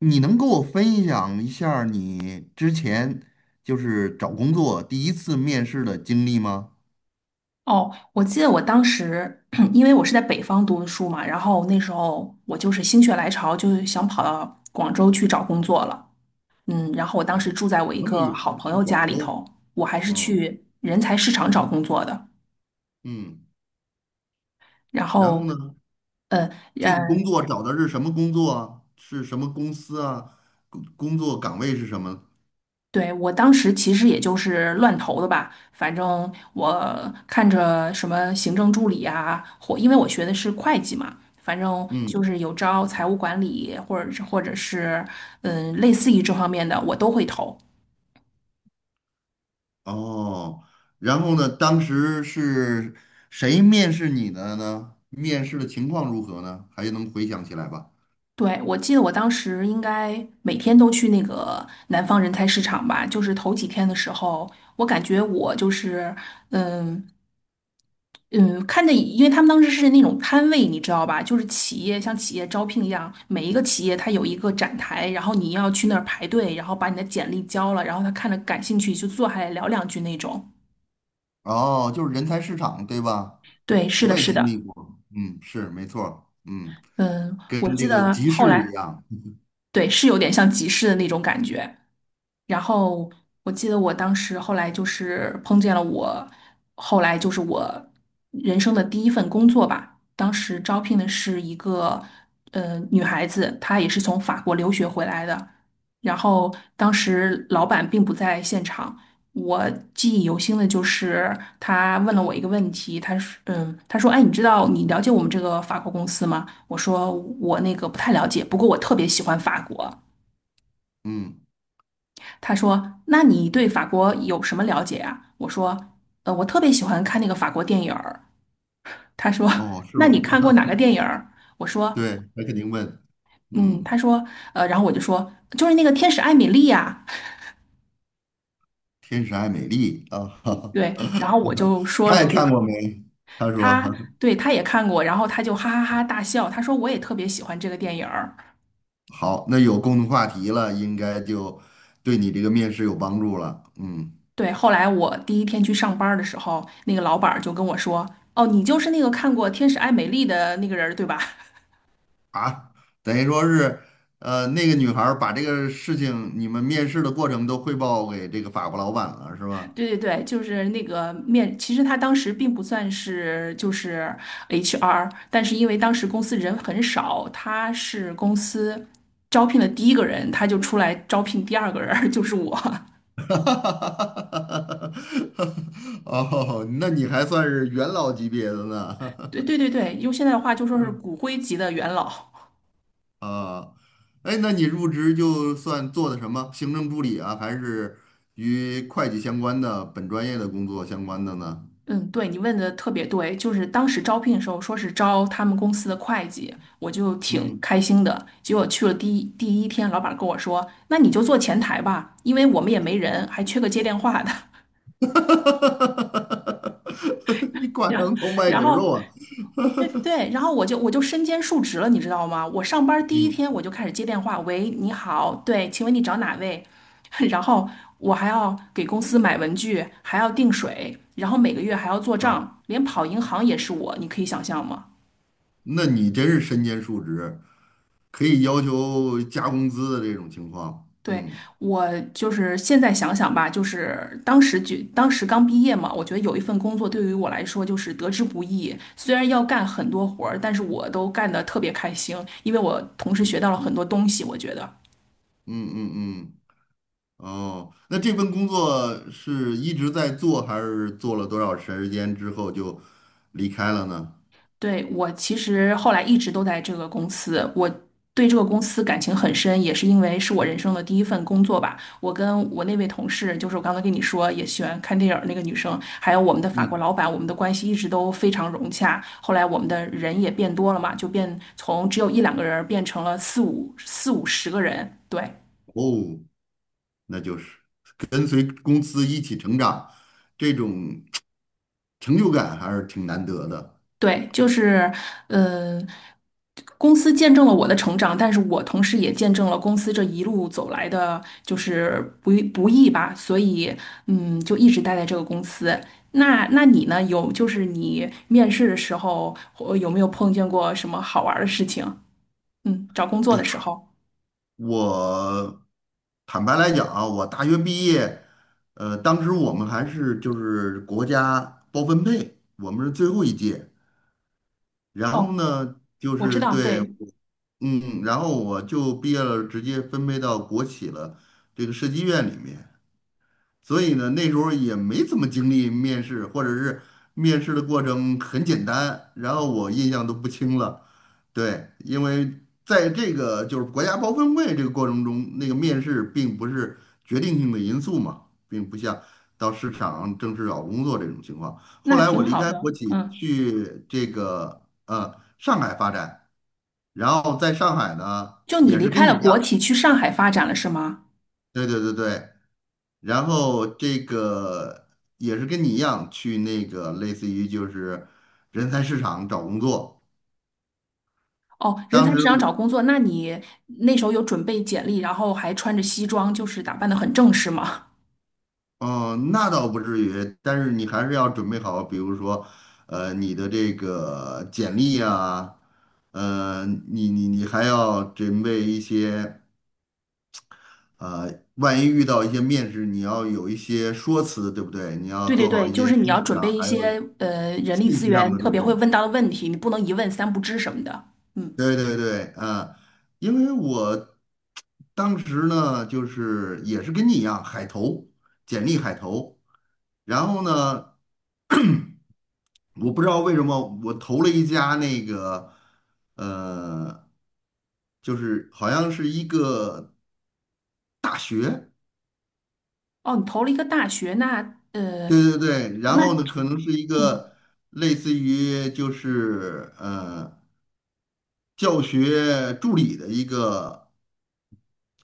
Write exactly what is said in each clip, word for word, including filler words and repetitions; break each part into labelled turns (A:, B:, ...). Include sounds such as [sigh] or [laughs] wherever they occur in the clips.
A: 你能给我分享一下儿你之前就是找工作第一次面试的经历吗？
B: 哦，我记得我当时，[clears throat] 因为我是在北方读的书嘛，然后那时候我就是心血来潮，就是想跑到广州去找工作了。嗯，然后我当时
A: 哦，
B: 住在我一
A: 那么
B: 个
A: 远
B: 好朋
A: 去
B: 友
A: 广
B: 家里
A: 州。
B: 头，我还是
A: 嗯
B: 去人才市场找工作的。
A: 嗯，
B: 然
A: 然
B: 后，
A: 后呢，
B: 呃，
A: 这个工作找的是什么工作啊？是什么公司啊？工工作岗位是什么？
B: 对，我当时其实也就是乱投的吧，反正我看着什么行政助理啊，或因为我学的是会计嘛，反正就
A: 嗯，
B: 是有招财务管理，或者是或者是嗯类似于这方面的，我都会投。
A: 哦，然后呢，当时是谁面试你的呢？面试的情况如何呢？还能回想起来吧？
B: 对，我记得我当时应该每天都去那个南方人才市场吧，就是头几天的时候，我感觉我就是嗯嗯，看着，因为他们当时是那种摊位，你知道吧？就是企业像企业招聘一样，每一个企业它有一个展台，然后你要去那儿排队，然后把你的简历交了，然后他看着感兴趣就坐下来聊两句那种。
A: 哦，就是人才市场，对吧？
B: 对，是的，
A: 我也
B: 是
A: 经
B: 的，
A: 历过，嗯，是没错儿，嗯，
B: 嗯，
A: 跟
B: 我记
A: 这个
B: 得
A: 集
B: 后
A: 市一
B: 来，
A: 样。
B: 对，是有点像集市的那种感觉。然后我记得我当时后来就是碰见了我，后来就是我人生的第一份工作吧。当时招聘的是一个呃女孩子，她也是从法国留学回来的。然后当时老板并不在现场，我记忆犹新的就是他问了我一个问题，他说嗯，他说哎，你知道你了解我们这个法国公司吗？我说我那个不太了解，不过我特别喜欢法国。
A: 嗯，
B: 他说：“那你对法国有什么了解啊？”我说：“呃，我特别喜欢看那个法国电影儿。”他说：
A: 哦，是
B: “那
A: 吗？
B: 你看过哪个
A: [laughs]
B: 电影儿？”我说：
A: 对，他肯定问，
B: “嗯。”
A: 嗯，
B: 他说：“呃，然后我就说，就是那个《天使艾米丽》呀。”
A: 天使爱美丽啊。
B: 对，然后我就
A: [laughs]
B: 说
A: 他
B: 了
A: 也
B: 这，
A: 看过没？他说。
B: 他对他也看过，然后他就哈哈哈大笑，他说：“我也特别喜欢这个电影儿。”
A: [laughs] 好，那有共同话题了，应该就对你这个面试有帮助了，嗯。
B: 对，后来我第一天去上班儿的时候，那个老板儿就跟我说：“哦，你就是那个看过《天使艾米丽》的那个人儿，对吧？”
A: 啊，等于说是，呃，那个女孩儿把这个事情你们面试的过程都汇报给这个法国老板了，是吧？
B: 对对对，就是那个面，其实他当时并不算是就是 H R，但是因为当时公司人很少，他是公司招聘的第一个人，他就出来招聘第二个人儿 [laughs] 就是我。
A: [laughs] 哈，哦，那你还算是元老级别的呢。
B: [laughs] 对对对对，用现在的话就说是骨灰级的元老。
A: [laughs] 啊，哎，那你入职就算做的什么？行政助理啊，还是与会计相关的本专业的工作相关的呢？
B: 嗯，对，你问的特别对，就是当时招聘的时候说是招他们公司的会计，我就挺
A: 嗯。
B: 开心的。结果去了第一第一天，老板跟我说：“那你就做前台吧，因为我们也没人，还缺个接电话的。”
A: [laughs] 你挂
B: 然
A: 羊头卖
B: 然
A: 狗
B: 后
A: 肉啊。
B: 对对，然后我就我就身兼数职了，你知道吗？我上班第一
A: 嗯，
B: 天我就开始接电话，喂，你好，对，请问你找哪位？[laughs] 然后我还要给公司买文具，还要订水，然后每个月还要做
A: 啊，
B: 账，连跑银行也是我，你可以想象吗？
A: 那你真是身兼数职，可以要求加工资的这种情况。
B: 对，
A: 嗯
B: 我就是现在想想吧，就是当时就当时刚毕业嘛，我觉得有一份工作对于我来说就是得之不易。虽然要干很多活儿，但是我都干得特别开心，因为我同时学到了很多东西，我觉得。
A: 嗯嗯嗯。哦，那这份工作是一直在做，还是做了多少时间之后就离开了呢？
B: 对，我其实后来一直都在这个公司，我对这个公司感情很深，也是因为是我人生的第一份工作吧。我跟我那位同事，就是我刚才跟你说也喜欢看电影儿那个女生，还有我们的法国
A: 嗯，
B: 老板，我们的关系一直都非常融洽。后来我们的人也变多了嘛，就变从只有一两个人儿变成了四五四五十个人。对，
A: 哦，那就是跟随公司一起成长，这种成就感还是挺难得的。
B: 对，就是呃，公司见证了我的成长，但是我同时也见证了公司这一路走来的，就是不易不易吧，所以嗯，就一直待在这个公司。那那你呢？有就是你面试的时候，或有没有碰见过什么好玩儿的事情？嗯，找工作
A: 哎呀，
B: 的时候。
A: 我坦白来讲啊，我大学毕业，呃，当时我们还是就是国家包分配，我们是最后一届。然
B: 哦，
A: 后呢，就
B: 我知
A: 是
B: 道，
A: 对，
B: 对，
A: 嗯，然后我就毕业了，直接分配到国企了，这个设计院里面。所以呢，那时候也没怎么经历面试，或者是面试的过程很简单，然后我印象都不清了。对，因为在这个就是国家包分会这个过程中，那个面试并不是决定性的因素嘛，并不像到市场正式找工作这种情况。后
B: 那
A: 来我
B: 挺
A: 离
B: 好
A: 开国
B: 的。
A: 企
B: 嗯，
A: 去这个呃上海发展，然后在上海呢
B: 就你
A: 也
B: 离
A: 是
B: 开
A: 跟你
B: 了
A: 一
B: 国
A: 样，
B: 企去上海发展了，是吗？
A: 对对对对，然后这个也是跟你一样去那个类似于就是人才市场找工作。
B: 哦，人才
A: 当
B: 市
A: 时，
B: 场找工作，那你那时候有准备简历，然后还穿着西装，就是打扮的很正式吗？
A: 嗯、那倒不至于，但是你还是要准备好，比如说，呃，你的这个简历啊，呃，你你你还要准备一些，呃，万一遇到一些面试，你要有一些说辞，对不对？你
B: [laughs]
A: 要
B: 对对
A: 做好
B: 对，
A: 一
B: 就
A: 些
B: 是你
A: 心
B: 要
A: 理
B: 准备
A: 上
B: 一
A: 还有
B: 些呃人力
A: 信
B: 资
A: 息上
B: 源
A: 的
B: 特
A: 准
B: 别
A: 备。
B: 会问到的问题，你不能一问三不知什么的。嗯，
A: 对对对，啊，因为我当时呢，就是也是跟你一样海投，简历海投，然后呢，我不知道为什么我投了一家那个，呃，就是好像是一个大学。
B: 哦，你投了一个大学，那呃，
A: 对对对，然
B: 那
A: 后呢，可能是一
B: 嗯，
A: 个类似于就是呃教学助理的一个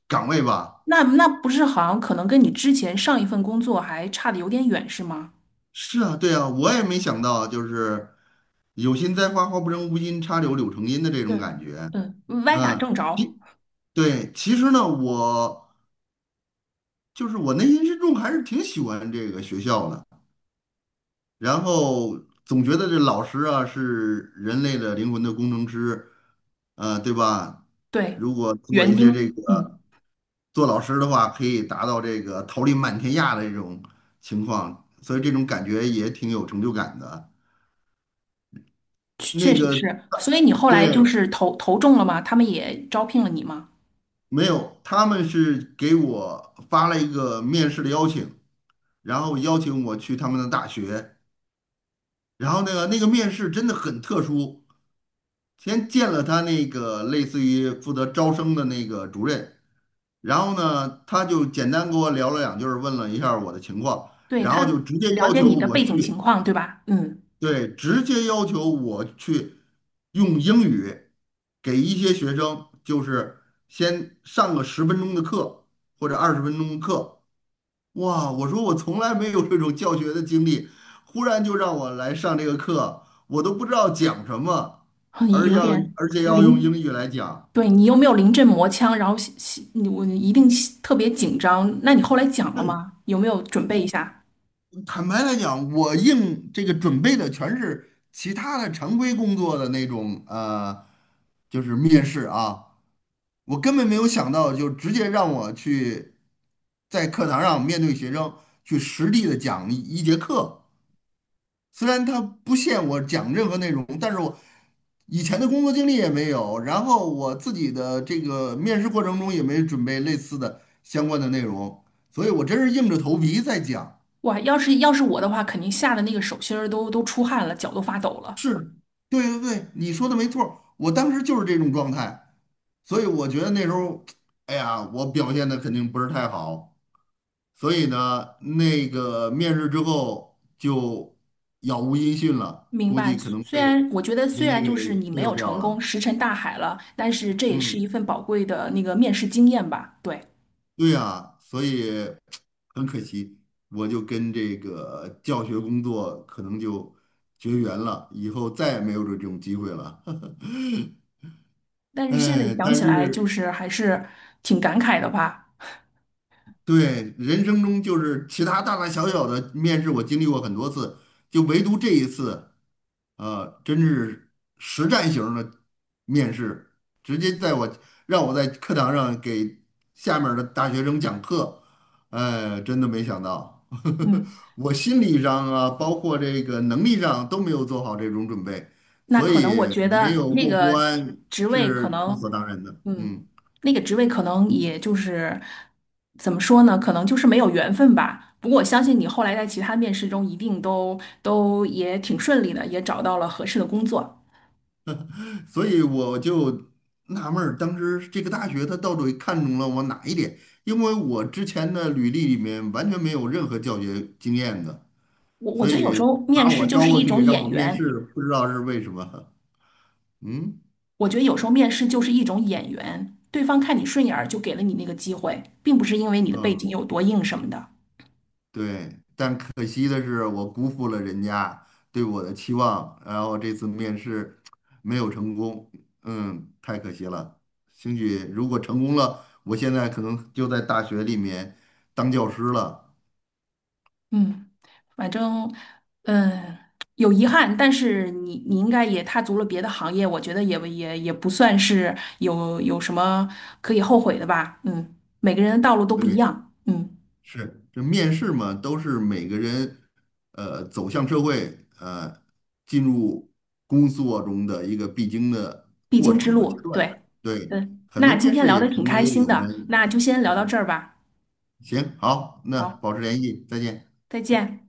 A: 岗位吧。
B: 那那不是好像可能跟你之前上一份工作还差的有点远，是吗？
A: 是啊，对啊，我也没想到，就是有心栽花花不成，无心插柳柳成荫的这
B: 对，
A: 种感觉。
B: 嗯，歪打
A: 嗯，
B: 正着，
A: 其对，其实呢，我就是我内心深处还是挺喜欢这个学校的，然后总觉得这老师啊是人类的灵魂的工程师，呃，对吧？
B: 对，
A: 如果做
B: 园
A: 一些这
B: 丁，
A: 个
B: 嗯。
A: 做老师的话，可以达到这个桃李满天下的这种情况，所以这种感觉也挺有成就感的。
B: 确
A: 那
B: 实
A: 个，
B: 是。所以你后来
A: 对，
B: 就是投投中了吗？他们也招聘了你吗？
A: 没有，他们是给我发了一个面试的邀请，然后邀请我去他们的大学，然后那个那个面试真的很特殊，先见了他那个类似于负责招生的那个主任，然后呢，他就简单跟我聊了两句儿，问了一下儿我的情况，
B: 对，
A: 然
B: 他
A: 后就直接
B: 了
A: 要
B: 解
A: 求
B: 你的
A: 我
B: 背景情
A: 去。
B: 况，对吧？嗯，
A: 对，直接要求我去用英语给一些学生，就是先上个十分钟的课或者二十分钟的课。哇，我说我从来没有这种教学的经历，忽然就让我来上这个课，我都不知道讲什么，
B: 哼
A: 而
B: 有
A: 要
B: 点
A: 而且要用英
B: 临，
A: 语来讲。
B: 对你又没有临阵磨枪，然后心心你我一定心特别紧张。那你后来讲了吗？有没有准备一
A: 我
B: 下？
A: 坦白来讲，我应这个准备的全是其他的常规工作的那种呃，就是面试啊。我根本没有想到，就直接让我去在课堂上面对学生去实地的讲一一节课。虽然他不限我讲任何内容，但是我以前的工作经历也没有，然后我自己的这个面试过程中也没准备类似的相关的内容，所以我真是硬着头皮在讲。
B: 哇，要是要是我的话，肯定吓得那个手心儿都都出汗了，脚都发抖了。
A: 是，对对对，你说的没错儿，我当时就是这种状态，所以我觉得那时候，哎呀，我表现的肯定不是太好。所以呢，那个面试之后就杳无音讯了，
B: 明
A: 估
B: 白，
A: 计可
B: 虽
A: 能
B: 虽
A: 被
B: 然我觉得虽
A: 人家
B: 然就
A: 给
B: 是你
A: 忽
B: 没
A: 悠
B: 有
A: 掉
B: 成功，
A: 了。
B: 石沉大海了，但是这也是一
A: 嗯，
B: 份宝贵的那个面试经验吧？对。
A: 对呀，所以很可惜，我就跟这个教学工作可能就绝缘了，以后再也没有这种机会了。[laughs]
B: 但是现在
A: 哎，
B: 想
A: 但
B: 起来，就
A: 是
B: 是还是挺感慨的吧。
A: 对，人生中就是其他大大小小的面试，我经历过很多次，就唯独这一次，呃，真是实战型儿的面试，直接在我让我在课堂上给下面儿的大学生讲课，哎，真的没想到。
B: 嗯，
A: [laughs] 我心理上啊，包括这个能力上都没有做好这种准备，
B: 那
A: 所
B: 可能
A: 以
B: 我觉
A: 没
B: 得
A: 有
B: 那
A: 过
B: 个
A: 关
B: 职位
A: 是
B: 可
A: 理
B: 能，
A: 所当然的，
B: 嗯，
A: 嗯。
B: 那个职位可能也就是怎么说呢？可能就是没有缘分吧。不过我相信你后来在其他面试中一定都都也挺顺利的，也找到了合适的工作。
A: 所以我就纳闷儿，当时这个大学它到底看中了我哪一点？因为我之前的履历里面完全没有任何教学经验的，
B: 我我
A: 所
B: 觉得有时
A: 以
B: 候面
A: 把
B: 试
A: 我
B: 就
A: 招
B: 是
A: 过
B: 一种
A: 去让我
B: 眼
A: 面
B: 缘，
A: 试，不知道是为什么。嗯
B: 我觉得有时候面试就是一种眼缘，对方看你顺眼儿就给了你那个机会，并不是因为你的背景
A: 嗯，
B: 有多硬什么的。
A: 对。但可惜的是，我辜负了人家对我的期望，然后这次面试没有成功，嗯，太可惜了。兴许如果成功了，我现在可能就在大学里面当教师了。
B: 嗯，反正，嗯，有遗憾，但是你你应该也踏足了别的行业，我觉得也也也不算是有有什么可以后悔的吧。嗯，每个人的道路都不一
A: 对。
B: 样，嗯，
A: 是，这面试嘛，都是每个人呃走向社会呃进入工作中的一个必经的
B: 必
A: 过
B: 经之
A: 程和阶
B: 路，
A: 段。
B: 对，
A: 对，
B: 嗯，
A: 很多
B: 那今
A: 面
B: 天
A: 试
B: 聊
A: 也
B: 的挺
A: 成
B: 开
A: 为
B: 心
A: 我
B: 的，
A: 们，
B: 那就先聊到这儿吧。
A: 行，好，那
B: 好，
A: 保持联系，再见。
B: 再见。